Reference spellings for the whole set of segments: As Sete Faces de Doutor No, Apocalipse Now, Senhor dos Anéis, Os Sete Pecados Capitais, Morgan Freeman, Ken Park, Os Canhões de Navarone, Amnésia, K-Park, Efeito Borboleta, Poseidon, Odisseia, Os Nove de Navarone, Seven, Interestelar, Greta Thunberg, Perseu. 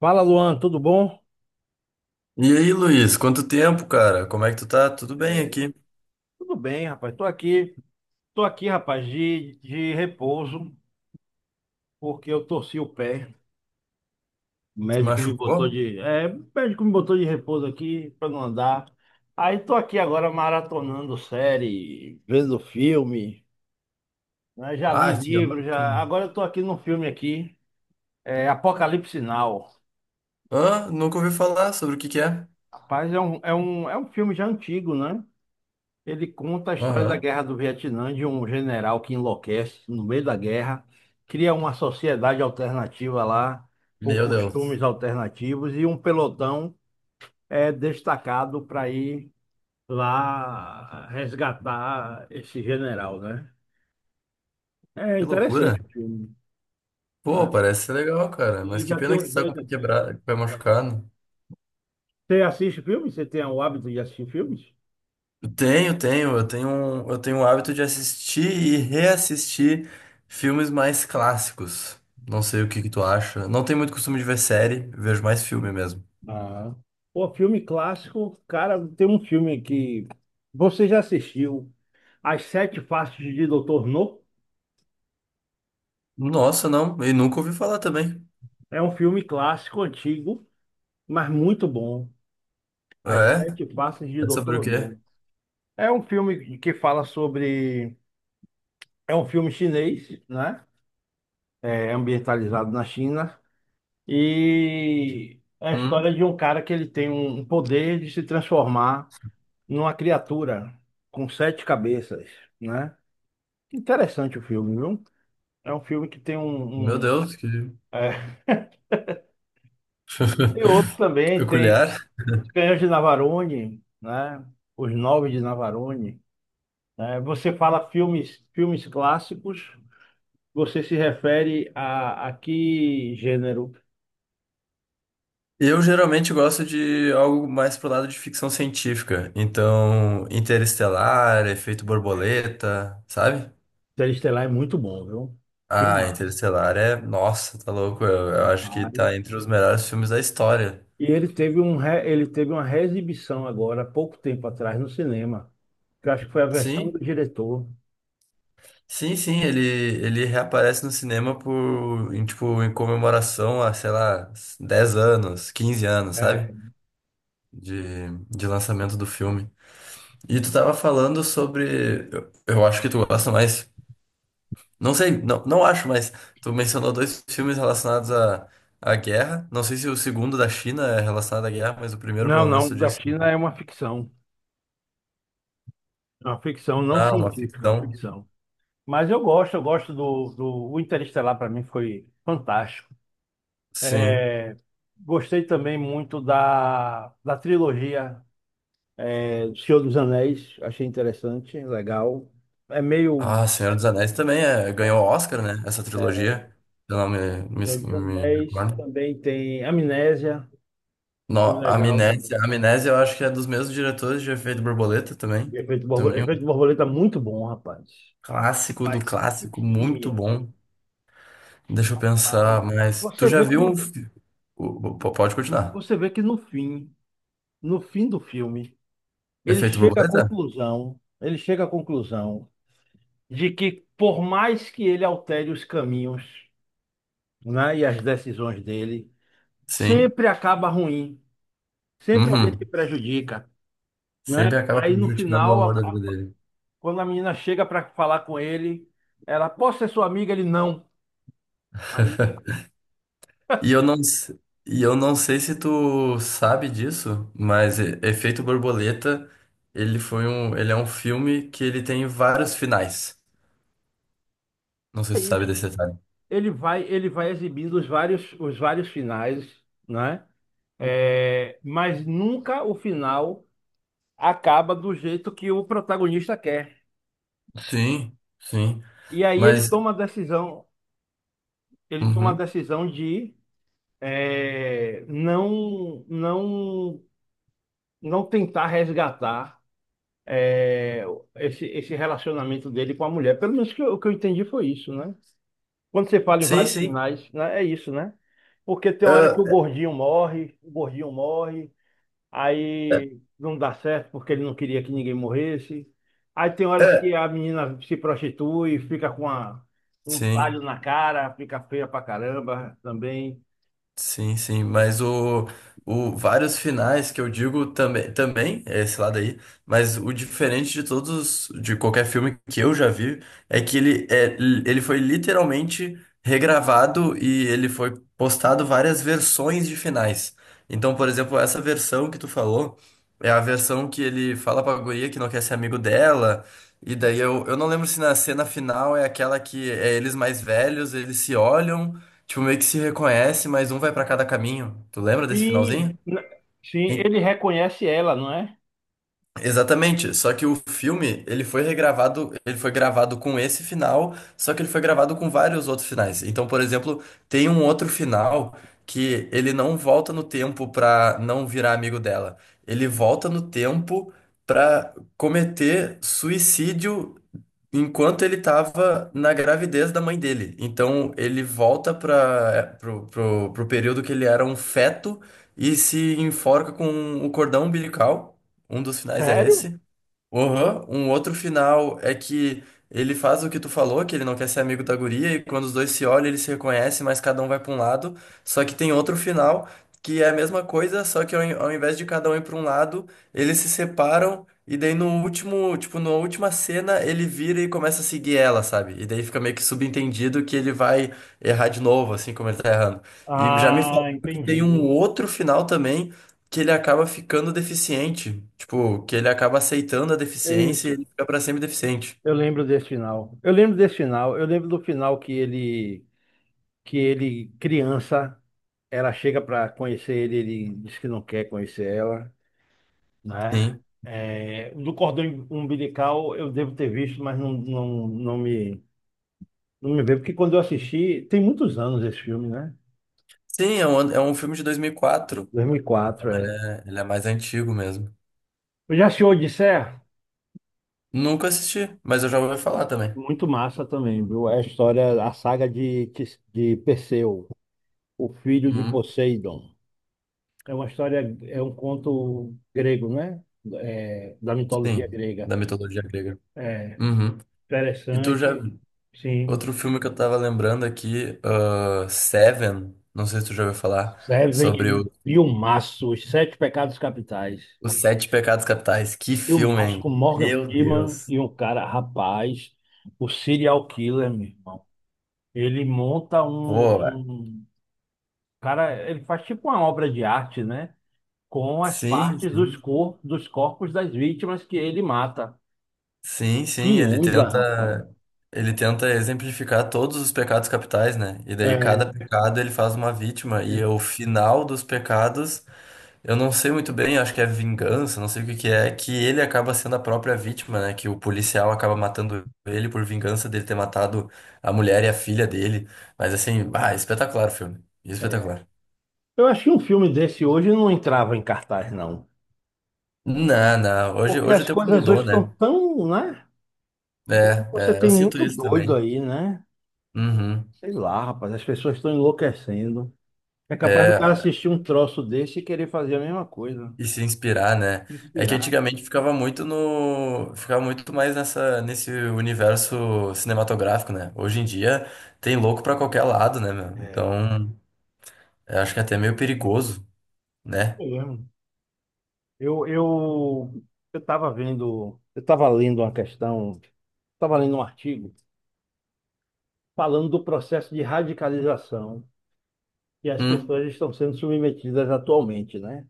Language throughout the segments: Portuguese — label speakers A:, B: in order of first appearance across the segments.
A: Fala, Luan, tudo bom?
B: E aí, Luiz, quanto tempo, cara? Como é que tu tá? Tudo bem
A: É,
B: aqui?
A: tudo bem, rapaz. Tô aqui, rapaz, de repouso, porque eu torci o pé. O
B: Se
A: médico me botou
B: machucou?
A: de, é, o médico me botou de repouso aqui para não andar. Aí tô aqui agora maratonando série, vendo filme, né? Já li
B: Ah, que
A: livro, já.
B: ótimo.
A: Agora eu tô aqui num filme aqui, é Apocalipse Now.
B: Hã? Nunca ouvi falar sobre o que que é.
A: Rapaz, é um filme já antigo, né? Ele conta a história da
B: Aham.
A: Guerra do Vietnã, de um general que enlouquece no meio da guerra, cria uma sociedade alternativa lá, com
B: Meu Deus,
A: costumes alternativos, e um pelotão é destacado para ir lá resgatar esse general, né? É
B: que loucura.
A: interessante o filme,
B: Pô,
A: né?
B: parece ser legal, cara, mas
A: E
B: que
A: já tem
B: pena que
A: uns
B: tu tá com
A: dois
B: o pé
A: aqui.
B: quebrado, com o pé
A: É.
B: machucado.
A: Você assiste filmes? Você tem o hábito de assistir filmes?
B: Eu tenho, tenho, eu tenho, um- eu tenho o hábito de assistir e reassistir filmes mais clássicos. Não sei o que que tu acha. Não tenho muito costume de ver série, vejo mais filme mesmo.
A: Ah. Pô, filme clássico, cara, tem um filme que você já assistiu As Sete Faces de Doutor No?
B: Nossa, não, e nunca ouvi falar também.
A: É um filme clássico, antigo, mas muito bom. As
B: É?
A: Sete Faces de
B: É sobre o
A: Doutor
B: quê?
A: No. É um filme que fala sobre. É um filme chinês, né? É ambientalizado na China. E é a história
B: Hum,
A: de um cara que ele tem um poder de se transformar numa criatura com sete cabeças, né? Interessante o filme, viu? É um filme que tem
B: meu
A: um, um-
B: Deus, que,
A: é, tem outro
B: que
A: também, tem
B: peculiar.
A: Os Canhões de Navarone, né? Os Nove de Navarone. Né? Você fala filmes, clássicos, você se refere a que gênero?
B: Eu geralmente gosto de algo mais pro lado de ficção científica. Então, Interestelar, Efeito Borboleta, sabe?
A: Interestelar é muito bom, viu?
B: Ah,
A: Filmaço,
B: Interestelar é. Nossa, tá louco. Eu acho que
A: rapaz.
B: tá entre os melhores filmes da história.
A: E ele teve uma reexibição agora, há pouco tempo atrás, no cinema, que eu acho que foi a versão do
B: Sim,
A: diretor.
B: sim, sim. Ele reaparece no cinema por, em, tipo, em comemoração a, sei lá, 10 anos, 15 anos, sabe?
A: É.
B: De lançamento do filme. E tu tava falando sobre. Eu acho que tu gosta mais. Não sei, não, não acho, mas tu mencionou dois filmes relacionados à guerra. Não sei se o segundo da China é relacionado à guerra, mas o primeiro,
A: Não,
B: pelo menos,
A: não,
B: tu
A: da
B: disse.
A: China é uma ficção. É uma ficção não
B: Ah, uma
A: científica, é uma
B: ficção.
A: ficção. Mas eu gosto do o Interestelar para mim foi fantástico.
B: Sim.
A: É, gostei também muito da trilogia do Senhor dos Anéis, achei interessante, legal. É meio
B: Ah, Senhor dos Anéis também é, ganhou Oscar, né? Essa trilogia. Eu não me,
A: Senhor dos
B: me, me
A: Anéis,
B: recordo.
A: também tem Amnésia, filme
B: No,
A: legal
B: Amnésia,
A: também.
B: Amnésia eu acho que é dos mesmos diretores de Efeito Borboleta também.
A: E Efeito Borboleta,
B: Também um
A: Efeito Borboleta é muito bom, rapaz.
B: clássico do
A: Rapaz, que
B: clássico,
A: filme,
B: muito
A: velho.
B: bom. Deixa eu
A: Pai.
B: pensar, mas tu
A: Você
B: já
A: vê que
B: viu um.
A: no,
B: Pode continuar.
A: você vê que no fim, no fim do filme, ele
B: Efeito
A: chega à
B: borboleta?
A: conclusão, ele chega à conclusão de que por mais que ele altere os caminhos, né, e as decisões dele,
B: Sim.
A: sempre acaba ruim, sempre alguém se
B: Uhum.
A: prejudica,
B: Sempre
A: né?
B: acaba
A: Aí no
B: prejudicando o
A: final,
B: amor da vida dele.
A: quando a menina chega para falar com ele, ela, posso ser sua amiga? Ele, não. Aí
B: E eu não, s- e eu não sei se tu sabe disso, mas Efeito Borboleta, ele é um filme que ele tem vários finais. Não sei
A: é
B: se tu sabe
A: isso.
B: desse detalhe.
A: Ele vai exibindo os vários finais, né? É, mas nunca o final acaba do jeito que o protagonista quer.
B: Sim, sim.
A: E aí ele
B: Mas,
A: toma a decisão, ele toma a
B: uhum.
A: decisão de não, não, não tentar resgatar é, esse relacionamento dele com a mulher. Pelo menos que o que eu entendi foi isso, né? Quando você fala em
B: Sim,
A: vários
B: sim.
A: finais, né, é isso, né? Porque tem uma hora que
B: Ah,
A: o gordinho morre, aí não dá certo porque ele não queria que ninguém morresse. Aí tem
B: é,
A: horas
B: é.
A: que a menina se prostitui, fica com um palho
B: Sim.
A: na cara, fica feia pra caramba também.
B: Sim, sim, mas o vários finais que eu digo também é esse lado aí, mas o diferente de todos, de qualquer filme que eu já vi, é que ele, é, ele foi literalmente regravado e ele foi postado várias versões de finais. Então, por exemplo, essa versão que tu falou é a versão que ele fala pra guria que não quer ser amigo dela, e daí eu não lembro se na cena final é aquela que é eles mais velhos, eles se olham. Tipo, meio que se reconhece, mas um vai pra cada caminho. Tu lembra desse
A: Sim,
B: finalzinho?
A: sim, ele reconhece ela, não é?
B: Exatamente, só que o filme, ele foi regravado, ele foi gravado com esse final, só que ele foi gravado com vários outros finais. Então, por exemplo, tem um outro final que ele não volta no tempo pra não virar amigo dela. Ele volta no tempo pra cometer suicídio enquanto ele tava na gravidez da mãe dele. Então, ele volta para pro período que ele era um feto e se enforca com o cordão umbilical. Um dos finais é
A: Sério?
B: esse. Uhum. Um outro final é que ele faz o que tu falou, que ele não quer ser amigo da guria, e quando os dois se olham, eles se reconhecem, mas cada um vai pra um lado. Só que tem outro final que é a mesma coisa, só que ao invés de cada um ir pra um lado, eles se separam, e daí no último, tipo, na última cena, ele vira e começa a seguir ela, sabe? E daí fica meio que subentendido que ele vai errar de novo, assim como ele tá errando. E já me
A: Ah,
B: falaram que tem um
A: entendi.
B: outro final também que ele acaba ficando deficiente. Tipo, que ele acaba aceitando a
A: É
B: deficiência e
A: isso.
B: ele fica pra sempre deficiente.
A: Eu lembro desse final. Eu lembro desse final. Eu lembro do final que ele criança, ela chega para conhecer ele, ele diz que não quer conhecer ela, né?
B: Sim.
A: É, do cordão umbilical eu devo ter visto, mas não, não, não me veio, porque quando eu assisti, tem muitos anos esse filme, né?
B: Sim, é um filme de 2004.
A: dois mil e
B: Então
A: quatro é.
B: ele é mais antigo mesmo.
A: Eu já assisti Odisseia?
B: Nunca assisti, mas eu já ouvi falar também.
A: Muito massa também, viu? É a história, a saga de Perseu, o filho de
B: Uhum.
A: Poseidon. É uma história, é um conto grego, né? É, da mitologia
B: Sim,
A: grega.
B: da mitologia grega.
A: É
B: Uhum. E tu já.
A: interessante, sim.
B: Outro filme que eu tava lembrando aqui, ah, Seven, não sei se tu já ouviu falar, sobre
A: Servem
B: o,
A: filmaço, Os Sete Pecados Capitais.
B: os Sete Pecados Capitais. Que filme,
A: Filmaço
B: hein?
A: com Morgan
B: Meu
A: Freeman
B: Deus.
A: e um cara, rapaz, o serial killer, meu irmão. Ele monta um,
B: Boa.
A: um... Cara, ele faz tipo uma obra de arte, né? Com as
B: Sim,
A: partes dos,
B: sim.
A: cor dos corpos das vítimas que ele mata.
B: Sim, sim,
A: Que onda, rapaz.
B: ele tenta exemplificar todos os pecados capitais, né? E daí cada
A: É.
B: pecado ele faz uma vítima e o final dos pecados, eu não sei muito bem, acho que é vingança, não sei o que que é, que ele acaba sendo a própria vítima, né? Que o policial acaba matando ele por vingança dele ter matado a mulher e a filha dele. Mas assim, ah, espetacular o filme. Espetacular.
A: Eu acho que um filme desse hoje não entrava em cartaz, não.
B: Não, não, hoje,
A: Porque
B: hoje o
A: as
B: tempo
A: coisas hoje
B: mudou,
A: estão
B: né?
A: tão, né? Hoje você
B: É, é,
A: tem
B: eu sinto
A: muito
B: isso
A: doido
B: também.
A: aí, né?
B: Uhum.
A: Sei lá, rapaz, as pessoas estão enlouquecendo. É capaz do cara
B: É,
A: assistir um troço desse e querer fazer a mesma coisa.
B: e se inspirar, né?
A: Se
B: É que
A: inspirar, né?
B: antigamente ficava muito no, ficava muito mais nessa nesse universo cinematográfico, né? Hoje em dia tem louco pra qualquer lado, né, meu? Então, eu acho que é até meio perigoso, né?
A: Eu lembro. eu, eu eu tava vendo, eu tava lendo uma questão, estava lendo um artigo falando do processo de radicalização que as
B: Hum,
A: pessoas estão sendo submetidas atualmente, né?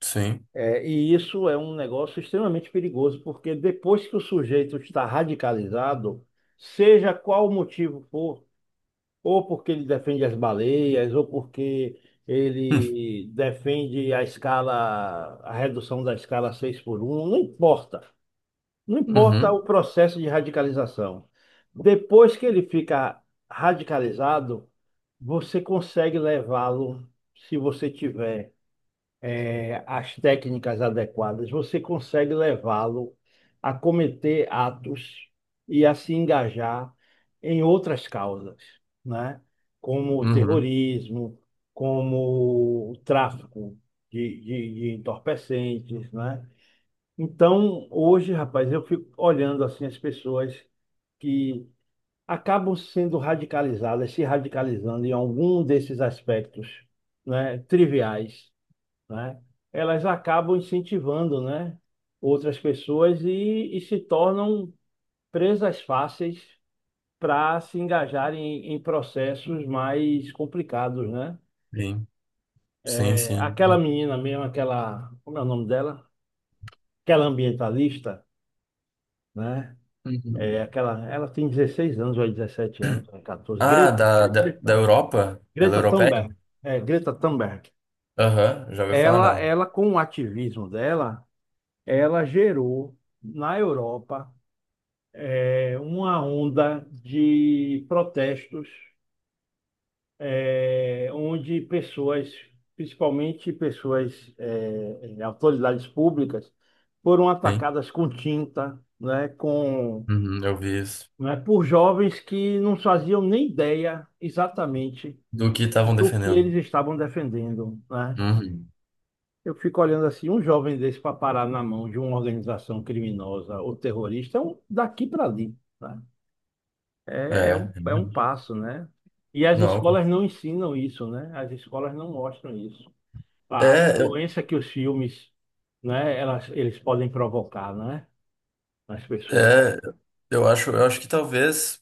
B: sim.
A: É, e isso é um negócio extremamente perigoso, porque depois que o sujeito está radicalizado, seja qual o motivo for, ou porque ele defende as baleias, ou porque ele defende a escala, a redução da escala 6 por um, não importa. Não importa
B: Hum,
A: o processo de radicalização. Depois que ele fica radicalizado, você consegue levá-lo, se você tiver as técnicas adequadas, você consegue levá-lo a cometer atos e a se engajar em outras causas, né? Como o
B: uhum, uhum.
A: terrorismo, como o tráfico de entorpecentes, né? Então, hoje, rapaz, eu fico olhando assim as pessoas que acabam sendo radicalizadas, se radicalizando em algum desses aspectos, né, triviais, né? Elas acabam incentivando, né, outras pessoas e se tornam presas fáceis para se engajarem em processos mais complicados, né?
B: Sim, sim,
A: É,
B: sim.
A: aquela
B: Não.
A: menina mesmo, aquela, como é o nome dela? Aquela ambientalista, né? É
B: Uhum.
A: aquela, ela tem 16 anos ou 17 anos, ou 14.
B: Ah,
A: Greta,
B: da
A: Greta,
B: Europa? Ela é
A: Greta
B: europeia?
A: Thunberg. É, Greta Thunberg.
B: Aham, já ouvi falar
A: Ela,
B: nela.
A: ela, com o ativismo dela, ela gerou na Europa uma onda de protestos, onde pessoas, principalmente pessoas, autoridades públicas, foram
B: Sim.
A: atacadas com tinta, né, com,
B: Uhum, eu vi isso.
A: né, por jovens que não faziam nem ideia exatamente
B: Do que estavam
A: do que
B: defendendo.
A: eles estavam defendendo, né?
B: Uhum.
A: Eu fico olhando assim, um jovem desse para parar na mão de uma organização criminosa ou terrorista, é um daqui para ali, né? É, é um,
B: É.
A: é um passo, né? E as
B: Não.
A: escolas não ensinam isso, né? As escolas não mostram isso. A
B: É,
A: influência que os filmes, né, elas, eles podem provocar, né, nas pessoas.
B: É, eu acho que talvez,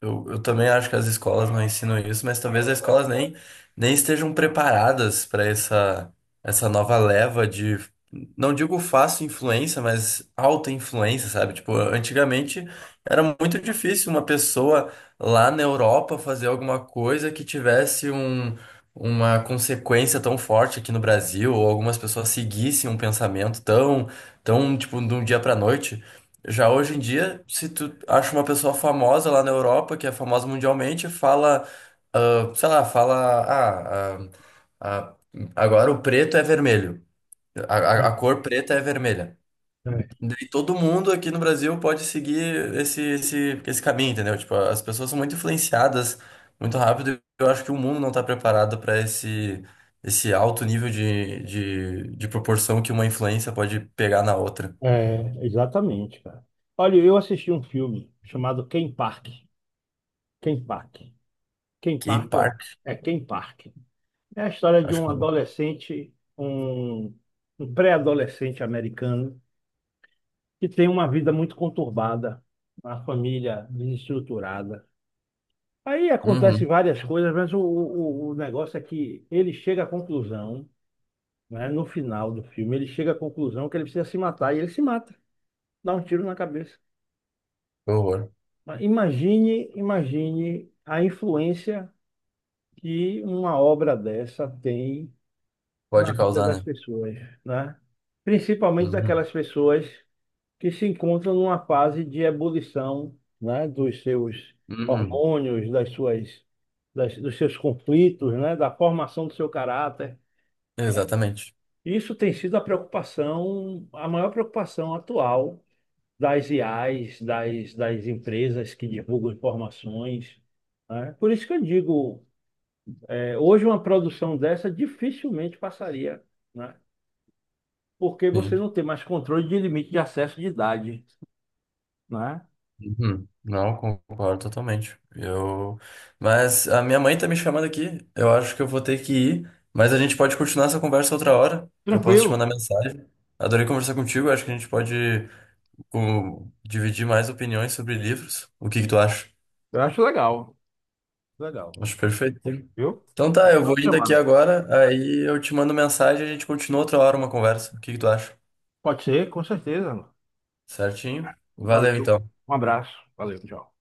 B: eu também acho que as escolas não ensinam isso, mas talvez as escolas nem, estejam preparadas para essa nova leva de, não digo fácil influência, mas alta influência, sabe? Tipo, antigamente era muito difícil uma pessoa lá na Europa fazer alguma coisa que tivesse um, uma consequência tão forte aqui no Brasil, ou algumas pessoas seguissem um pensamento tão, tipo, de um dia para noite. Já hoje em dia, se tu acha uma pessoa famosa lá na Europa, que é famosa mundialmente, fala, ah, sei lá, fala, ah, ah, ah, agora o preto é vermelho, a cor preta é vermelha.
A: É, é.
B: Daí todo mundo aqui no Brasil pode seguir esse caminho, entendeu? Tipo, as pessoas são muito influenciadas muito rápido e eu acho que o mundo não está preparado para esse alto nível de proporção que uma influência pode pegar na outra.
A: É, exatamente, cara. Olha, eu assisti um filme chamado Ken Park. Ken Park. Ken Park, ué.
B: K-Park,
A: É Ken Park. É a história de
B: acho
A: um
B: que.
A: adolescente, um, um pré-adolescente americano que tem uma vida muito conturbada, uma família desestruturada. Aí acontece
B: Uhum.
A: várias coisas, mas o negócio é que ele chega à conclusão, né, no final do filme, ele chega à conclusão que ele precisa se matar e ele se mata, dá um tiro na cabeça.
B: Que horror.
A: Mas imagine a influência que uma obra dessa tem na
B: Pode
A: vida
B: causar,
A: das
B: né?
A: pessoas, né? Principalmente
B: Uhum.
A: daquelas pessoas que se encontram numa fase de ebulição, né, dos seus
B: Uhum.
A: hormônios, das suas, dos seus conflitos, né, da formação do seu caráter, né?
B: Exatamente.
A: Isso tem sido a preocupação, a maior preocupação atual das IAs, das empresas que divulgam informações, né? Por isso que eu digo, hoje uma produção dessa dificilmente passaria, né? Porque você
B: Sim.
A: não tem mais controle de limite de acesso de idade, né?
B: Uhum. Não, concordo totalmente. Eu. Mas a minha mãe tá me chamando aqui. Eu acho que eu vou ter que ir. Mas a gente pode continuar essa conversa outra hora. Eu posso te
A: Tranquilo?
B: mandar mensagem. Adorei conversar contigo. Acho que a gente pode dividir mais opiniões sobre livros. O que que tu acha?
A: Eu acho legal, legal,
B: Acho perfeito. Sim.
A: viu?
B: Então
A: É
B: tá, eu
A: só
B: vou indo aqui
A: chamar.
B: agora. Aí eu te mando mensagem e a gente continua outra hora uma conversa. O que que tu acha?
A: Pode ser, com certeza.
B: Certinho? Valeu
A: Valeu,
B: então.
A: um abraço, valeu, tchau.